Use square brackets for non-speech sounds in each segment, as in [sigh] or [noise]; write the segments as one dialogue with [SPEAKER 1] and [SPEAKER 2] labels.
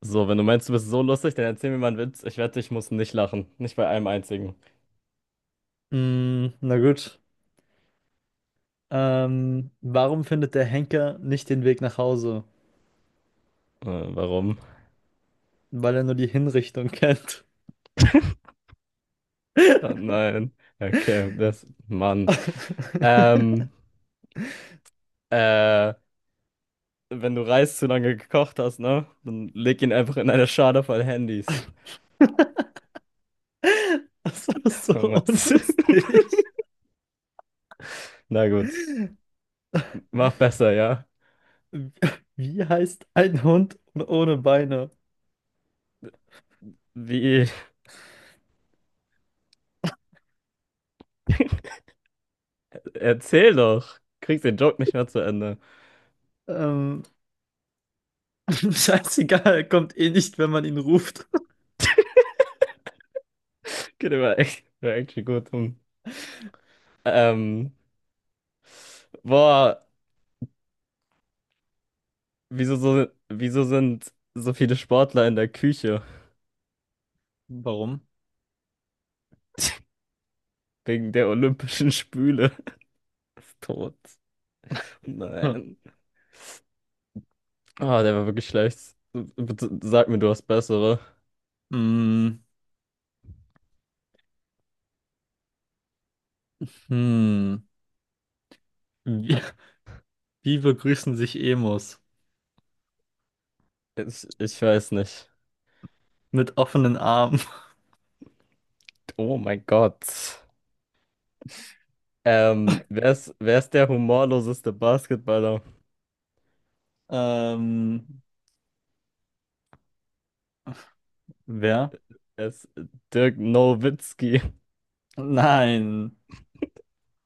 [SPEAKER 1] So, wenn du meinst, du bist so lustig, dann erzähl mir mal einen Witz. Ich wette, ich muss nicht lachen. Nicht bei einem einzigen.
[SPEAKER 2] Mm, na gut. Warum findet der Henker nicht den Weg nach Hause?
[SPEAKER 1] Äh, Warum? [laughs]
[SPEAKER 2] Weil er nur die Hinrichtung kennt.
[SPEAKER 1] Ah, nein. Okay, das. Mann.
[SPEAKER 2] [laughs]
[SPEAKER 1] Ähm, äh, Wenn du Reis zu lange gekocht hast, ne? Dann leg ihn einfach in eine Schale voll Handys.
[SPEAKER 2] Das war
[SPEAKER 1] Oh
[SPEAKER 2] so
[SPEAKER 1] Mann. [laughs]
[SPEAKER 2] unlustig.
[SPEAKER 1] Na gut. Mach besser, ja?
[SPEAKER 2] Wie heißt ein Hund ohne Beine?
[SPEAKER 1] Wie? Erzähl doch. Kriegst den Joke nicht mehr zu Ende.
[SPEAKER 2] Ähm, [laughs] scheißegal, er kommt eh nicht, wenn man ihn ruft.
[SPEAKER 1] Geht aber echt, wär echt gut. Hm. Ähm, Boah. Wieso sind so viele Sportler in der Küche?
[SPEAKER 2] Warum?
[SPEAKER 1] [laughs] Wegen der olympischen Spüle. [laughs] Ist Tot.
[SPEAKER 2] Hm.
[SPEAKER 1] Nein. Ah, der war wirklich schlecht. Bitte sag mir, du hast bessere.
[SPEAKER 2] Mm, hm. Wie, wie begrüßen sich Emos?
[SPEAKER 1] Ich weiß nicht.
[SPEAKER 2] Mit offenen Armen.
[SPEAKER 1] Oh mein Gott. Wer ist der humorloseste Basketballer?
[SPEAKER 2] Ähm, wer?
[SPEAKER 1] Es ist Dirk Nowitzki.
[SPEAKER 2] Nein,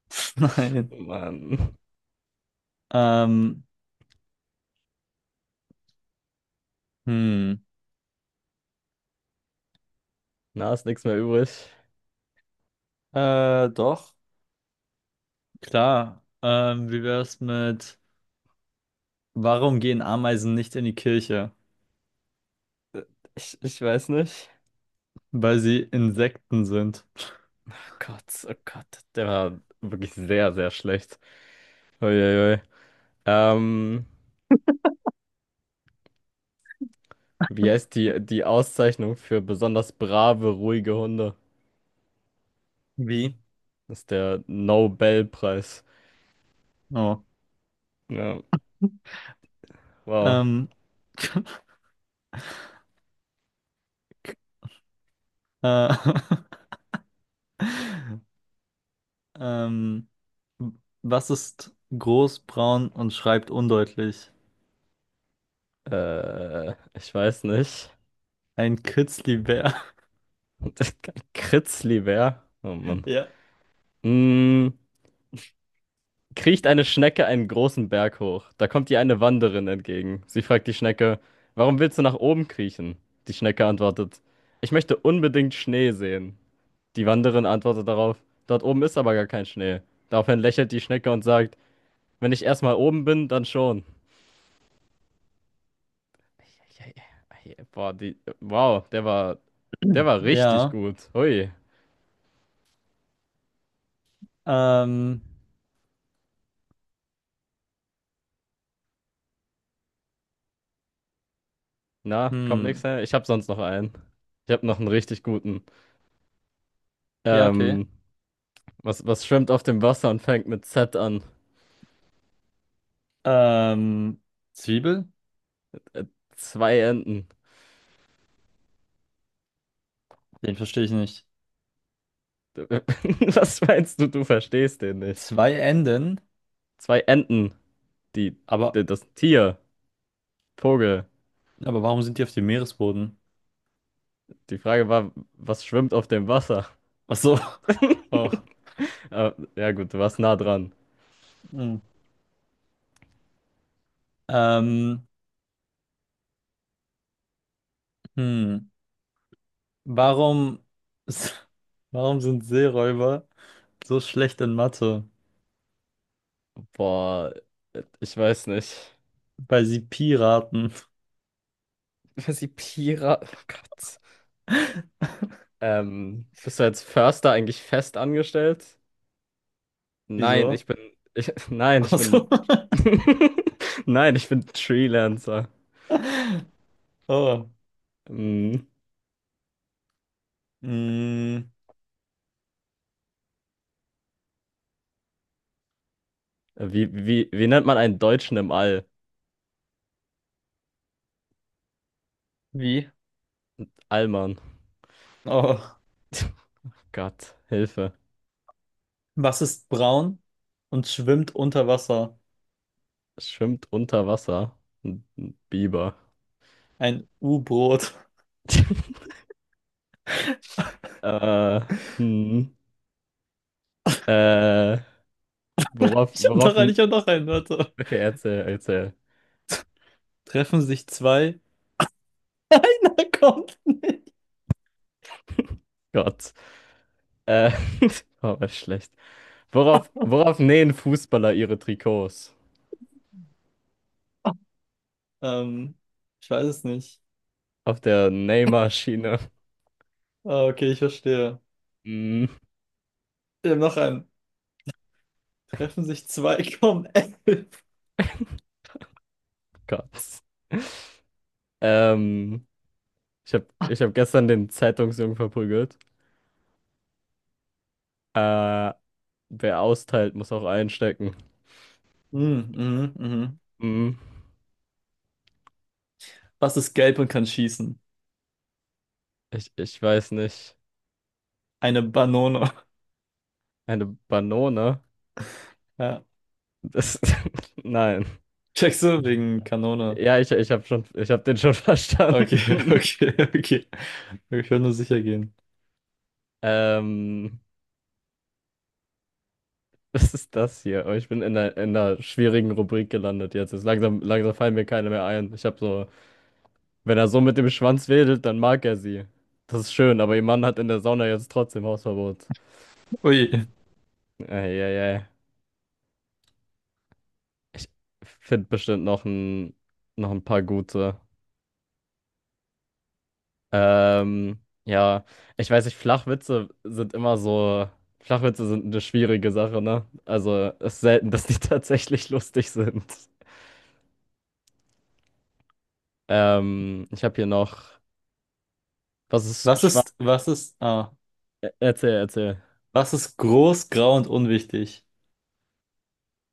[SPEAKER 2] [laughs] nein.
[SPEAKER 1] Mann.
[SPEAKER 2] Ähm, hm,
[SPEAKER 1] Na, ist nichts mehr übrig.
[SPEAKER 2] Doch, klar. Wie wär's mit, warum gehen Ameisen nicht in die Kirche?
[SPEAKER 1] Ich weiß nicht.
[SPEAKER 2] Weil sie Insekten sind.
[SPEAKER 1] Oh Gott, oh Gott. Der war wirklich sehr, sehr schlecht. Uiuiui. Ähm, Wie heißt die Auszeichnung für besonders brave, ruhige Hunde?
[SPEAKER 2] Wie?
[SPEAKER 1] Das ist der Nobelpreis.
[SPEAKER 2] Oh.
[SPEAKER 1] Ja, wow.
[SPEAKER 2] Ähm, [laughs] äh, [laughs] ähm, was ist groß, braun und schreibt undeutlich?
[SPEAKER 1] Ich weiß nicht.
[SPEAKER 2] Ein Kitzlibär. [laughs]
[SPEAKER 1] [laughs] Kritzlibär? Oh Mann.
[SPEAKER 2] Ja.
[SPEAKER 1] Mm, kriecht eine Schnecke einen großen Berg hoch. Da kommt ihr eine Wanderin entgegen. Sie fragt die Schnecke, warum willst du nach oben kriechen? Die Schnecke antwortet, ich möchte unbedingt Schnee sehen. Die Wanderin antwortet darauf, dort oben ist aber gar kein Schnee. Daraufhin lächelt die Schnecke und sagt, wenn ich erstmal oben bin, dann schon. Boah, die, wow, der war richtig
[SPEAKER 2] Ja.
[SPEAKER 1] gut. Hui.
[SPEAKER 2] Ähm,
[SPEAKER 1] Na, kommt nichts
[SPEAKER 2] hm.
[SPEAKER 1] her. Ich habe sonst noch einen. Ich habe noch einen richtig guten.
[SPEAKER 2] Ja, okay.
[SPEAKER 1] Ähm, was schwimmt auf dem Wasser und fängt mit Z an?
[SPEAKER 2] Ähm, Zwiebel?
[SPEAKER 1] Äh, Zwei Enten.
[SPEAKER 2] Den verstehe ich nicht.
[SPEAKER 1] [laughs] Was meinst du? Du verstehst den nicht.
[SPEAKER 2] Zwei Enden?
[SPEAKER 1] Zwei Enten. Die,
[SPEAKER 2] Aber,
[SPEAKER 1] Das Tier. Vogel.
[SPEAKER 2] aber warum sind die auf dem Meeresboden?
[SPEAKER 1] Die Frage war, was schwimmt auf dem Wasser?
[SPEAKER 2] Ach so. [laughs] Oh.
[SPEAKER 1] Ja gut, du warst nah dran.
[SPEAKER 2] Hm. Ähm, hm. Warum, [laughs] warum sind Seeräuber so schlecht in Mathe?
[SPEAKER 1] Boah, ich weiß nicht.
[SPEAKER 2] Weil sie Piraten.
[SPEAKER 1] Sie Pira. Oh Gott.
[SPEAKER 2] [laughs]
[SPEAKER 1] Bist du als Förster eigentlich fest angestellt? Nein, ich
[SPEAKER 2] Wieso?
[SPEAKER 1] bin. Ich, [laughs] nein, ich
[SPEAKER 2] Ach
[SPEAKER 1] bin.
[SPEAKER 2] so.
[SPEAKER 1] [laughs] Nein, ich bin Freelancer.
[SPEAKER 2] [laughs] Oh.
[SPEAKER 1] Hm.
[SPEAKER 2] Hm.
[SPEAKER 1] Wie nennt man einen Deutschen im All?
[SPEAKER 2] Wie?
[SPEAKER 1] Allmann.
[SPEAKER 2] Oh.
[SPEAKER 1] [laughs] Gott, Hilfe.
[SPEAKER 2] Was ist braun und schwimmt unter Wasser?
[SPEAKER 1] Es schwimmt unter Wasser. Ein Biber.
[SPEAKER 2] Ein U-Boot. [laughs]
[SPEAKER 1] [laughs] Äh, hm. Äh, Worauf.
[SPEAKER 2] Ich hab noch einen, warte.
[SPEAKER 1] Okay, erzähl.
[SPEAKER 2] Treffen sich zwei [laughs] kommt.
[SPEAKER 1] Gott. Äh, [laughs] war aber schlecht. Worauf nähen Fußballer ihre Trikots?
[SPEAKER 2] Ähm, ich weiß es nicht.
[SPEAKER 1] Auf der Nähmaschine.
[SPEAKER 2] Ah, okay, ich verstehe.
[SPEAKER 1] Mm.
[SPEAKER 2] Ich habe noch einen. Treffen sich zwei, [laughs] kommen elf.
[SPEAKER 1] [laughs] Gott. Ähm, ich hab gestern den Zeitungsjungen verprügelt. Äh, Wer austeilt, muss auch einstecken.
[SPEAKER 2] Mhm, mhm, mhm.
[SPEAKER 1] Mm.
[SPEAKER 2] Was ist gelb und kann schießen?
[SPEAKER 1] Ich weiß nicht.
[SPEAKER 2] Eine Banone. [laughs]
[SPEAKER 1] Eine Banone?
[SPEAKER 2] Ja.
[SPEAKER 1] Das, [laughs] nein.
[SPEAKER 2] Checkst du wegen Kanone?
[SPEAKER 1] Ja, ich hab den schon [laughs] verstanden.
[SPEAKER 2] Okay, [laughs] okay, okay. Ich will nur sicher gehen.
[SPEAKER 1] Ähm, [laughs] was ist das hier? Oh, ich bin in in einer schwierigen Rubrik gelandet jetzt. Ist langsam, langsam fallen mir keine mehr ein. Ich habe so, wenn er so mit dem Schwanz wedelt, dann mag er sie. Das ist schön, aber ihr Mann hat in der Sauna jetzt trotzdem Hausverbot.
[SPEAKER 2] Ui.
[SPEAKER 1] Ey, ey. Ich finde bestimmt noch ein paar gute. Ähm, ja, ich weiß nicht, Flachwitze sind eine schwierige Sache, ne? Also, es ist selten, dass die [laughs] tatsächlich lustig sind. Ich habe hier noch, was ist
[SPEAKER 2] Was
[SPEAKER 1] Schwanz?
[SPEAKER 2] ist, was ist, ah,
[SPEAKER 1] Erzähl, erzähl.
[SPEAKER 2] was ist groß, grau und unwichtig?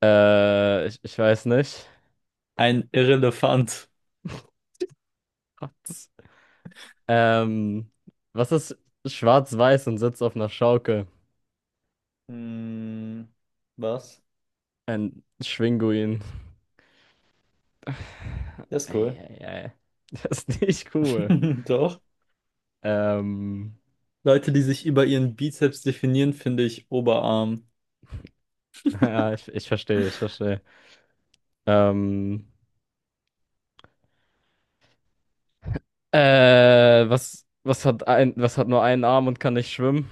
[SPEAKER 1] Ich weiß nicht.
[SPEAKER 2] Ein Irrelefant.
[SPEAKER 1] Gott. Ähm, was ist schwarz-weiß und sitzt auf einer Schaukel?
[SPEAKER 2] Hm, was?
[SPEAKER 1] Ein Schwinguin.
[SPEAKER 2] Der ist cool.
[SPEAKER 1] Eieiei. [laughs] Das ist nicht cool.
[SPEAKER 2] [laughs] Doch.
[SPEAKER 1] Ähm,
[SPEAKER 2] Leute, die sich über ihren Bizeps definieren, finde ich Oberarm.
[SPEAKER 1] [laughs] ja, ich verstehe, ich verstehe. Ähm, was hat nur einen Arm und kann nicht schwimmen?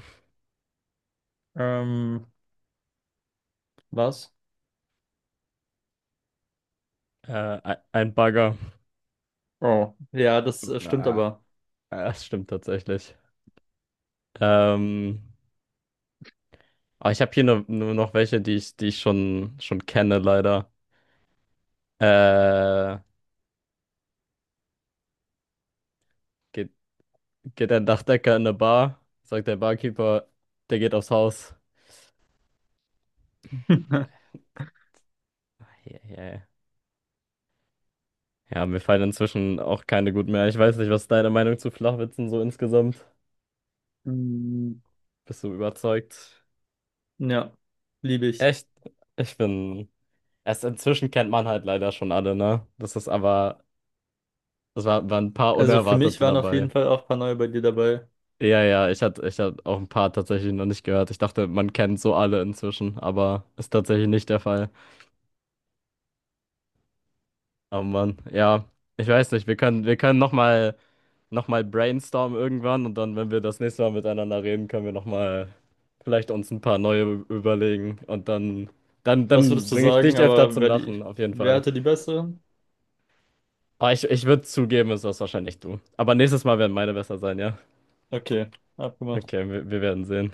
[SPEAKER 2] Ähm, was?
[SPEAKER 1] Äh, ein Bagger.
[SPEAKER 2] Oh, ja, das stimmt
[SPEAKER 1] Ah,
[SPEAKER 2] aber.
[SPEAKER 1] das stimmt tatsächlich. Ähm, Aber ich habe hier nur noch welche, schon kenne, leider. Äh, geht, geht ein Dachdecker in eine Bar, sagt der Barkeeper, der geht aufs Haus.
[SPEAKER 2] [laughs]
[SPEAKER 1] Eieiei. Ja, ja. Ja, mir fallen inzwischen auch keine gut mehr. Ich weiß nicht, was ist deine Meinung zu Flachwitzen so insgesamt?
[SPEAKER 2] Mm,
[SPEAKER 1] Bist du überzeugt?
[SPEAKER 2] ja, liebe ich.
[SPEAKER 1] Echt? Ich bin. Erst inzwischen kennt man halt leider schon alle, ne? Das ist aber. Waren ein paar
[SPEAKER 2] Also für mich
[SPEAKER 1] Unerwartete
[SPEAKER 2] waren auf
[SPEAKER 1] dabei.
[SPEAKER 2] jeden Fall auch ein paar neue bei dir dabei.
[SPEAKER 1] Ja, ja, ich hatte auch ein paar tatsächlich noch nicht gehört. Ich dachte, man kennt so alle inzwischen, aber ist tatsächlich nicht der Fall. Aber Mann, ja, ich weiß nicht, wir können noch mal brainstormen irgendwann und dann, wenn wir das nächste Mal miteinander reden, können wir nochmal vielleicht uns ein paar neue überlegen und dann,
[SPEAKER 2] Was
[SPEAKER 1] dann
[SPEAKER 2] würdest du
[SPEAKER 1] bringe ich
[SPEAKER 2] sagen,
[SPEAKER 1] dich öfter
[SPEAKER 2] aber
[SPEAKER 1] zum Lachen, auf jeden
[SPEAKER 2] wer
[SPEAKER 1] Fall.
[SPEAKER 2] hatte die besseren?
[SPEAKER 1] Aber ich würde zugeben, es warst wahrscheinlich du. Aber nächstes Mal werden meine besser sein, ja?
[SPEAKER 2] Okay, abgemacht.
[SPEAKER 1] Okay, wir werden sehen.